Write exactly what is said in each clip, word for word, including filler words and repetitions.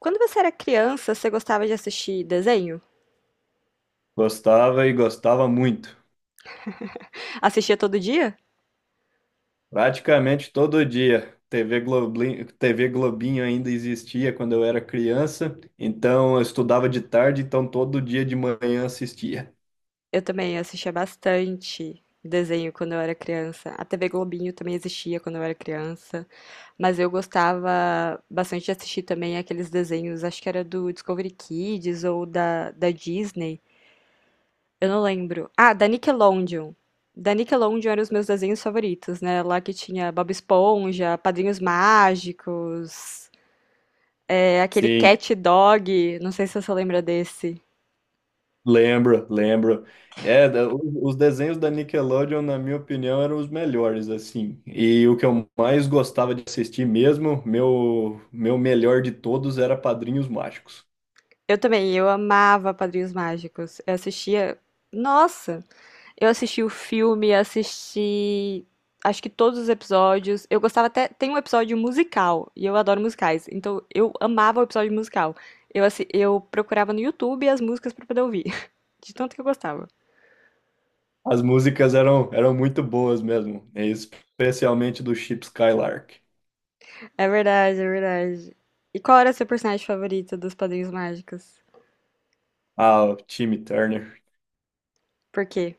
Quando você era criança, você gostava de assistir desenho? Gostava e gostava muito. Assistia todo dia? Praticamente todo dia. T V Globinho, T V Globinho ainda existia quando eu era criança, então eu estudava de tarde, então todo dia de manhã assistia. Eu também assistia bastante desenho quando eu era criança. A T V Globinho também existia quando eu era criança. Mas eu gostava bastante de assistir também aqueles desenhos, acho que era do Discovery Kids ou da, da Disney. Eu não lembro. Ah, da Nickelodeon. Da Nickelodeon eram os meus desenhos favoritos, né? Lá que tinha Bob Esponja, Padrinhos Mágicos, é, aquele Sim, Cat Dog. Não sei se você lembra desse. lembro, lembro. É, da- o- os desenhos da Nickelodeon, na minha opinião, eram os melhores, assim. E o que eu mais gostava de assistir mesmo, meu, meu melhor de todos era Padrinhos Mágicos. Eu também, eu amava Padrinhos Mágicos. Eu assistia. Nossa! Eu assisti o filme, assisti. Acho que todos os episódios. Eu gostava até. Tem um episódio musical, e eu adoro musicais. Então eu amava o episódio musical. Eu, assi- eu procurava no YouTube as músicas pra poder ouvir. De tanto que eu gostava. As músicas eram, eram muito boas mesmo, né? Especialmente do Chip Skylark. É verdade, é verdade. E qual era seu personagem favorito dos Padrinhos Mágicos? Ah, o Timmy Turner. Por quê?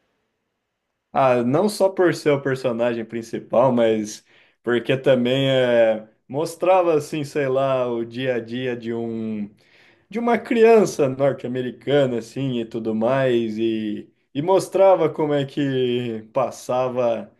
Ah, não só por ser o personagem principal, mas porque também é, mostrava assim, sei lá, o dia a dia de um de uma criança norte-americana assim e tudo mais e, e mostrava como é que passava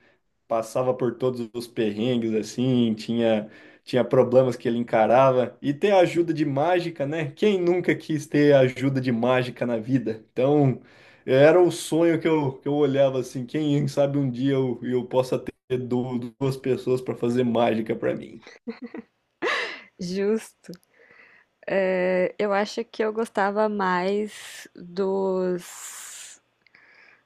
passava por todos os perrengues assim, tinha tinha problemas que ele encarava e ter ajuda de mágica, né? Quem nunca quis ter ajuda de mágica na vida? Então, era o sonho que eu, que eu olhava assim, quem sabe um dia eu, eu possa ter du- duas pessoas para fazer mágica para mim. Justo. É, eu acho que eu gostava mais dos.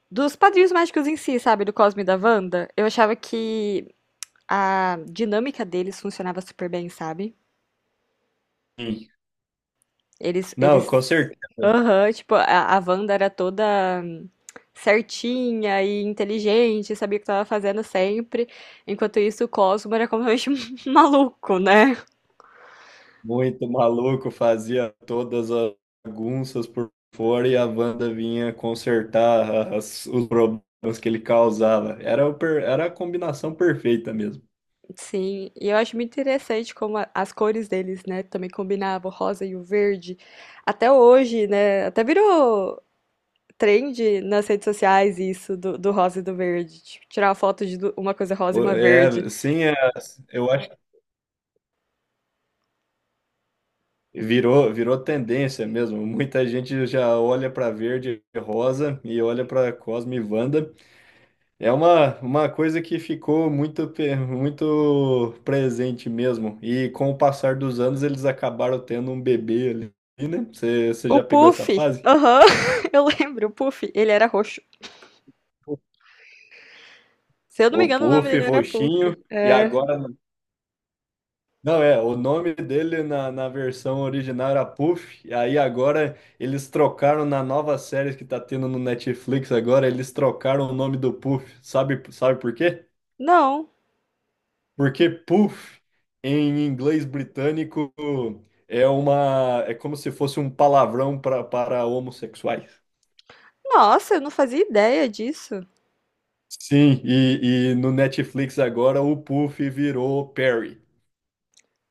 Dos Padrinhos Mágicos em si, sabe? Do Cosmo e da Wanda, eu achava que a dinâmica deles funcionava super bem, sabe? Sim. Eles, Não, eles, com certeza. aham, tipo, a, a Wanda era toda hum, certinha e inteligente, sabia o que estava fazendo sempre. Enquanto isso, o Cosmo era completamente maluco, né? Muito maluco, fazia todas as bagunças por fora e a Wanda vinha consertar as- os problemas que ele causava. Era, o per- era a combinação perfeita mesmo. Sim, e eu acho muito interessante como a- as cores deles, né, também combinavam, o rosa e o verde. Até hoje, né, até virou trend nas redes sociais isso do, do rosa e do verde. Tipo, tirar a foto de du- uma coisa rosa e O- uma verde. É, sim, é- eu acho que virou, virou tendência mesmo. Muita gente já olha para verde e rosa e olha para Cosme e Wanda. É uma, uma coisa que ficou muito, pe- muito presente mesmo. E com o passar dos anos, eles acabaram tendo um bebê ali, né? Você, você O já pegou essa Puff, fase? aham, eu lembro, o Puff, ele era roxo. Se eu não me O engano, o nome Puff, dele era roxinho, Puff. e É, agora. Não, é, o nome dele na, na versão original era Puff, e aí agora eles trocaram na nova série que tá tendo no Netflix agora, eles trocaram o nome do Puff. Sabe, sabe por quê? não. Porque puff, em inglês britânico, é uma, é como se fosse um palavrão pra, para homossexuais. Nossa, eu não fazia ideia disso. Sim, e, e no Netflix agora o puff virou Perry.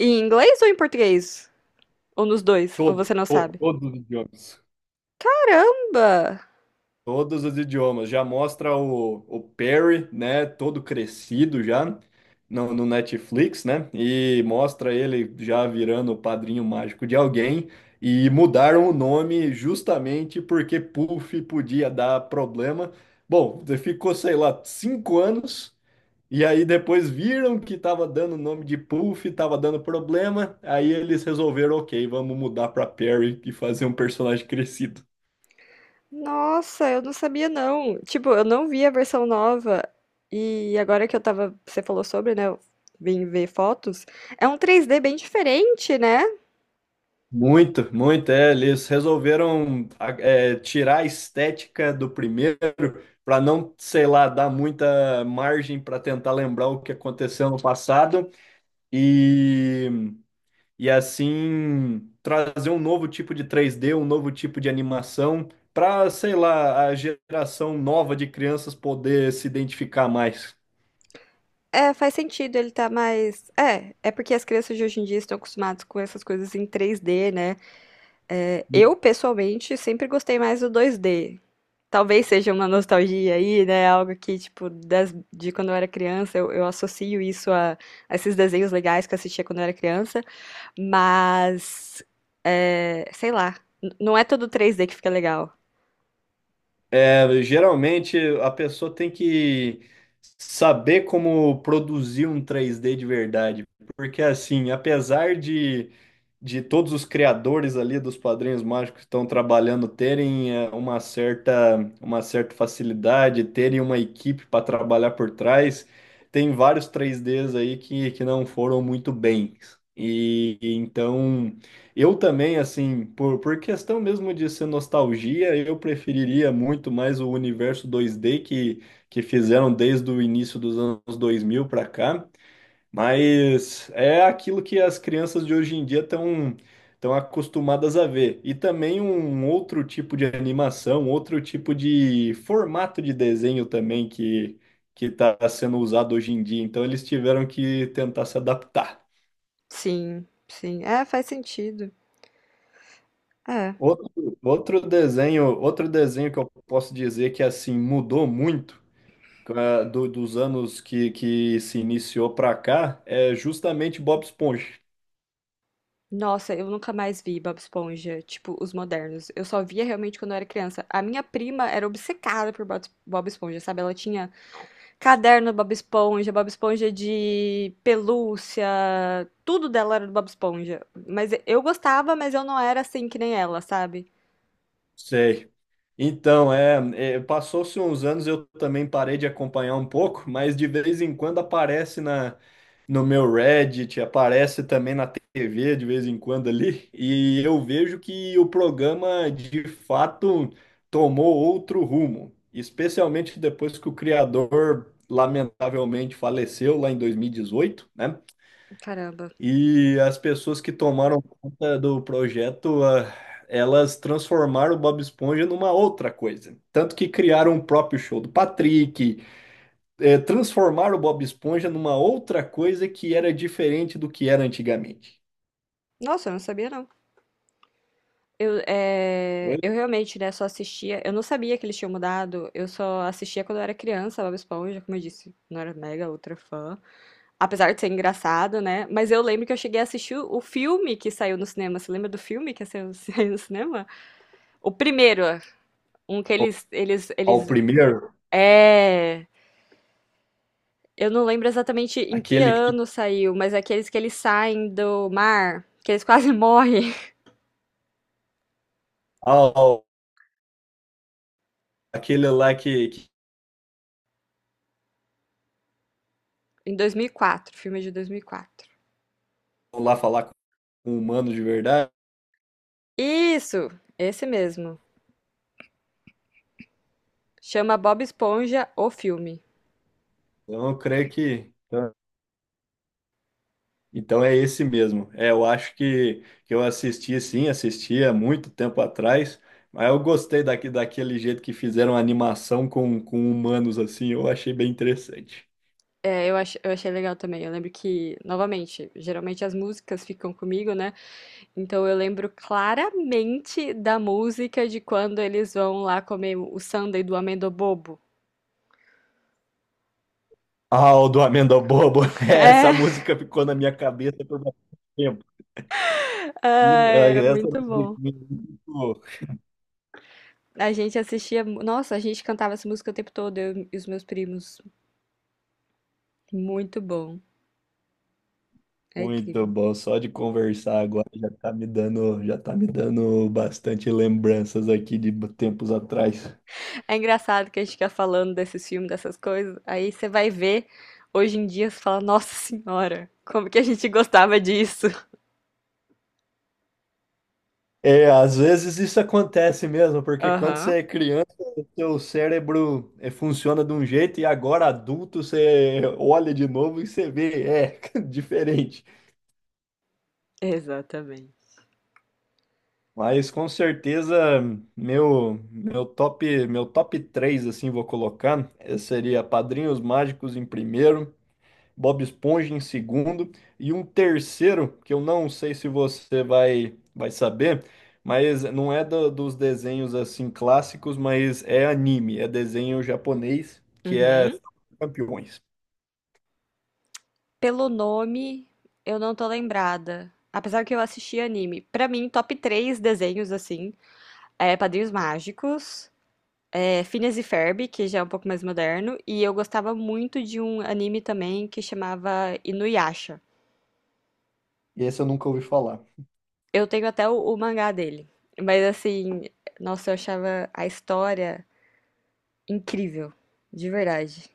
Em inglês ou em português? Ou nos dois? Ou Todo, você não to- sabe? todos os idiomas. Caramba! Todos os idiomas. Já mostra o, o Perry, né? Todo crescido já no, no Netflix, né? E mostra ele já virando o padrinho mágico de alguém. E mudaram o nome justamente porque Puff podia dar problema. Bom, ficou, sei lá, cinco anos. E aí depois viram que tava dando o nome de Puff, tava dando problema. Aí eles resolveram, ok, vamos mudar para Perry e fazer um personagem crescido. Nossa, eu não sabia não. Tipo, eu não vi a versão nova. E agora que eu tava, você falou sobre, né? Eu vim ver fotos. É um três D bem diferente, né? Muito, muito, é, eles resolveram a- é, tirar a estética do primeiro para não, sei lá, dar muita margem para tentar lembrar o que aconteceu no passado e, e assim trazer um novo tipo de três D, um novo tipo de animação para, sei lá, a geração nova de crianças poder se identificar mais. É, faz sentido, ele tá mais. É, é porque as crianças de hoje em dia estão acostumadas com essas coisas em três D, né? É, eu, pessoalmente, sempre gostei mais do dois D. Talvez seja uma nostalgia aí, né? Algo que, tipo, das, de quando eu era criança, eu, eu associo isso a, a esses desenhos legais que eu assistia quando eu era criança. Mas, é, sei lá, n- não é todo três D que fica legal. É, geralmente a pessoa tem que saber como produzir um três D de verdade, porque assim, apesar de, de todos os criadores ali dos Padrinhos Mágicos que estão trabalhando terem é, uma certa, uma certa facilidade, terem uma equipe para trabalhar por trás, tem vários três Ds aí que, que não foram muito bem. E e então eu também, assim, por, por questão mesmo de ser nostalgia, eu preferiria muito mais o universo dois D que, que fizeram desde o início dos anos dois mil para cá, mas é aquilo que as crianças de hoje em dia estão estão acostumadas a ver. E também um um outro tipo de animação, outro tipo de formato de desenho também que que está sendo usado hoje em dia. Então eles tiveram que tentar se adaptar. Sim, sim. É, faz sentido. É. Outro, outro desenho, outro desenho que eu posso dizer que assim mudou muito eh, do- dos anos que, que se iniciou para cá é justamente Bob Esponja. Nossa, eu nunca mais vi Bob Esponja, tipo, os modernos. Eu só via realmente quando eu era criança. A minha prima era obcecada por Bob Bob Esponja, sabe? Ela tinha caderno do Bob Esponja, Bob Esponja de pelúcia, tudo dela era do Bob Esponja. Mas eu gostava, mas eu não era assim que nem ela, sabe? Sei. Então, é, é, passou-se uns anos, eu também parei de acompanhar um pouco, mas de vez em quando aparece na no meu Reddit, aparece também na T V de vez em quando ali, e eu vejo que o programa de fato tomou outro rumo, especialmente depois que o criador lamentavelmente faleceu lá em dois mil e dezoito, né? Caramba. E as pessoas que tomaram conta do projeto, ah, elas transformaram o Bob Esponja numa outra coisa. Tanto que criaram o próprio show do Patrick, é, transformar o Bob Esponja numa outra coisa que era diferente do que era antigamente. Nossa, eu não sabia não. Eu, eh, Oi? eu realmente, né, só assistia. Eu não sabia que eles tinham mudado. Eu só assistia quando eu era criança, Bob Esponja, como eu disse, não era mega ultra fã. Apesar de ser engraçado, né? Mas eu lembro que eu cheguei a assistir o o filme que saiu no cinema. Você lembra do filme que saiu, saiu no cinema? O primeiro, um que Ao eles, eles, ao eles. primeiro, É. Eu não lembro exatamente em que aquele, que- ano saiu, mas é aqueles que eles saem do mar, que eles quase morrem. ao, aquele lá que, que Em dois mil e quatro. Filme de dois mil e quatro. foi lá falar com humanos de verdade. Isso, esse mesmo. Chama Bob Esponja o filme. Então, eu creio que. Então é esse mesmo. É, eu acho que, que eu assisti sim, assisti há muito tempo atrás, mas eu gostei daqui, daquele jeito que fizeram a animação com, com humanos assim, eu achei bem interessante. É, eu, ach- eu achei legal também. Eu lembro que, novamente, geralmente as músicas ficam comigo, né? Então eu lembro claramente da música de quando eles vão lá comer o sundae do amendo bobo. Aldo Amenda Bobo, essa música ficou na minha cabeça por bastante tempo. Que, É, é eh, essa muito musiquinha bom. é muito, A gente assistia. Nossa, a gente cantava essa música o tempo todo, eu e os meus primos. Muito bom. É muito incrível. bom. Só de conversar agora já tá me dando, já tá me dando bastante lembranças aqui de b- tempos atrás. É engraçado que a gente fica falando desses filmes, dessas coisas, aí você vai ver hoje em dia, você fala, nossa senhora, como que a gente gostava disso? É, às vezes isso acontece mesmo, porque quando Aham, você é criança, seu cérebro eh, funciona de um jeito e agora adulto você olha de novo e você vê, é diferente. exatamente. Mas com certeza meu meu top meu top três assim vou colocar, eh, seria Padrinhos Mágicos em primeiro, Bob Esponja em segundo e um terceiro que eu não sei se você vai vai saber, mas não é do- dos desenhos assim clássicos, mas é anime, é desenho japonês que é Uhum. Campeões. Pelo nome, eu não tô lembrada. Apesar que eu assisti anime. Pra mim, top três desenhos, assim, é Padrinhos Mágicos, é Phineas e Ferb, que já é um pouco mais moderno, e eu gostava muito de um anime também que chamava Inuyasha. E esse eu nunca ouvi falar. Eu tenho até o, o mangá dele. Mas assim, nossa, eu achava a história incrível, de verdade.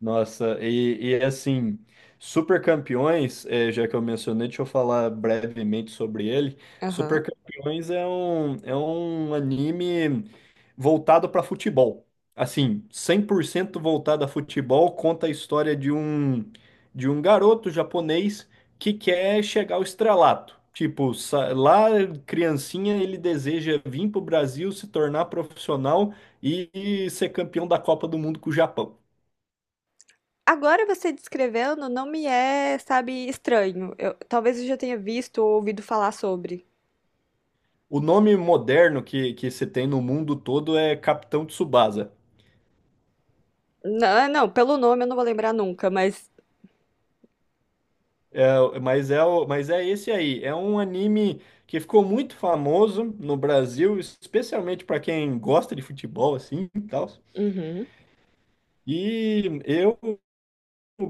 Nossa, e, e, assim, Super Campeões, eh, já que eu mencionei, deixa eu falar brevemente sobre ele. Super Aham. Campeões é um, é um anime voltado para futebol. Assim, cem por cento voltado a futebol, conta a história de um, de um garoto japonês que quer chegar ao estrelato. Tipo, sa- lá, criancinha, ele deseja vir para o Brasil, se tornar profissional e e ser campeão da Copa do Mundo com o Japão. Agora você descrevendo não me é, sabe, estranho. Eu- talvez eu já tenha visto ou ouvido falar sobre. O nome moderno que, que se tem no mundo todo é Capitão Tsubasa. Não, não, pelo nome eu não vou lembrar nunca, mas. É, mas, é, o- mas é esse aí. É um anime que ficou muito famoso no Brasil, especialmente para quem gosta de futebol assim e tal. Uhum. E eu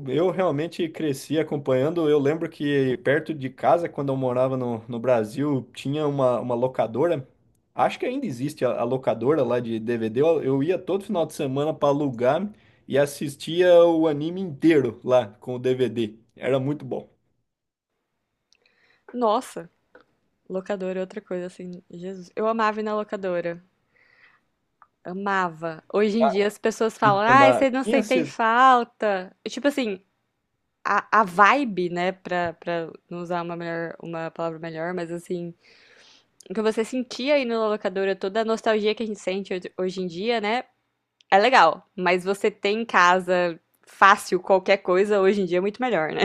Eu realmente cresci acompanhando. Eu lembro que perto de casa, quando eu morava no, no Brasil, tinha uma, uma locadora. Acho que ainda existe a, a locadora lá de D V D. Eu, eu ia todo final de semana para alugar e assistia o anime inteiro lá com o D V D. Era muito bom. Nossa, locadora é outra coisa, assim. Jesus. Eu amava ir na locadora. Amava. Hoje em dia as pessoas falam, Então, ai, na vocês não minha sentem cidade falta. Tipo assim, a, a vibe, né, pra, pra não usar uma melhor, uma palavra melhor, mas assim, o que você sentia aí na locadora, toda a nostalgia que a gente sente hoje hoje em dia, né, é legal, mas você ter em casa fácil qualquer coisa hoje em dia é muito melhor, né?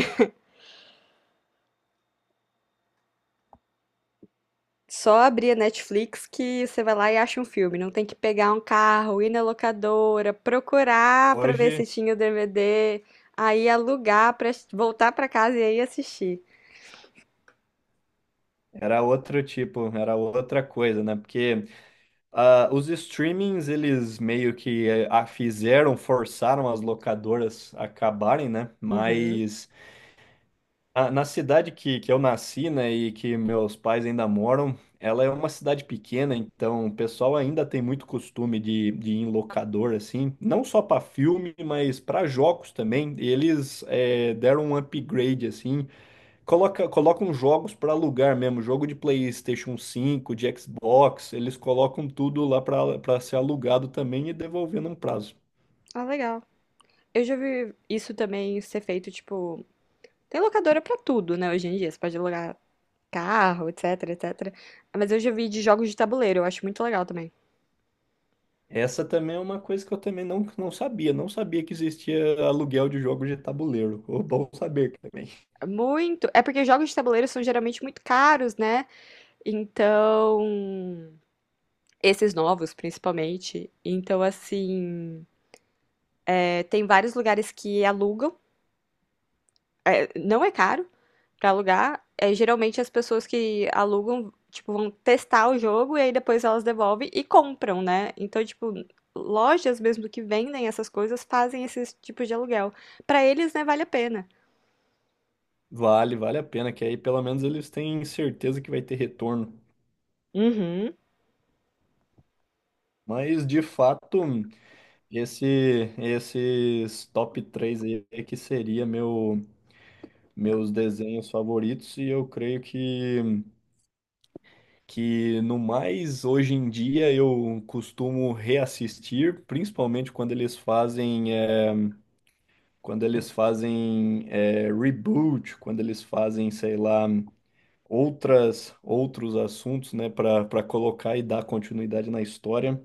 Só abrir a Netflix que você vai lá e acha um filme, não tem que pegar um carro, ir na locadora, procurar pra ver hoje se tinha o D V D, aí alugar pra voltar pra casa e aí assistir. era outro tipo, era outra coisa, né? Porque, ah, os streamings, eles meio que eh, a- fizeram, forçaram as locadoras a acabarem, né? Uhum. Mas ah, na cidade que, que eu nasci, né, e que meus pais ainda moram, ela é uma cidade pequena, então o pessoal ainda tem muito costume de, de ir em locador, assim, não só para filme, mas para jogos também. Eles eh, deram um upgrade, assim. Coloca, colocam jogos para alugar mesmo, jogo de PlayStation cinco, de Xbox, eles colocam tudo lá para para ser alugado também e devolver num prazo. Ah, legal. Eu já vi isso também ser feito, tipo. Tem locadora pra tudo, né, hoje em dia. Você pode alugar carro, etc, etcétera. Mas eu já vi de jogos de tabuleiro, eu acho muito legal também. Essa também é uma coisa que eu também não, não sabia, não sabia que existia aluguel de jogos de tabuleiro. Ô, bom saber também. Muito. É porque jogos de tabuleiro são geralmente muito caros, né? Então. Esses novos, principalmente. Então, assim, é, tem vários lugares que alugam é, não é caro pra alugar. É, geralmente as pessoas que alugam, tipo, vão testar o jogo e aí depois elas devolvem e compram, né? Então, tipo, lojas mesmo que vendem essas coisas fazem esses tipos de aluguel. Pra eles, né, vale a pena. Vale, vale a pena, que aí pelo menos eles têm certeza que vai ter retorno. Uhum. Mas de fato. Esse, esses top três aí é que seria meu, meus desenhos favoritos, e eu creio que, que no mais hoje em dia eu costumo reassistir, principalmente quando eles fazem, eh, quando eles fazem eh, reboot, quando eles fazem, sei lá, outras, outros assuntos, né, para para colocar e dar continuidade na história.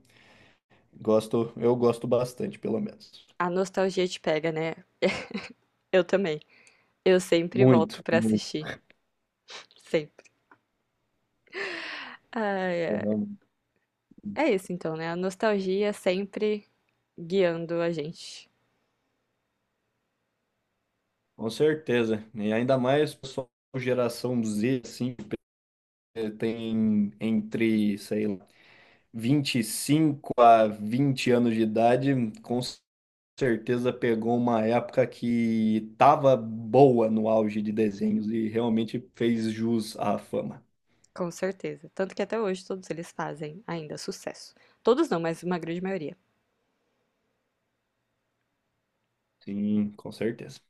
Gosto, eu gosto bastante, pelo menos. A nostalgia te pega, né? Eu também. Eu sempre volto Muito, pra muito. assistir. Sempre. Ai, ai. É isso então, né? A nostalgia sempre guiando a gente. Com certeza. E ainda mais o pessoal geração Z, assim, eh, tem entre, sei lá, vinte e cinco a vinte anos de idade, com certeza pegou uma época que tava boa no auge de desenhos e realmente fez jus à fama. Com certeza. Tanto que até hoje todos eles fazem ainda sucesso. Todos não, mas uma grande maioria. Sim, com certeza.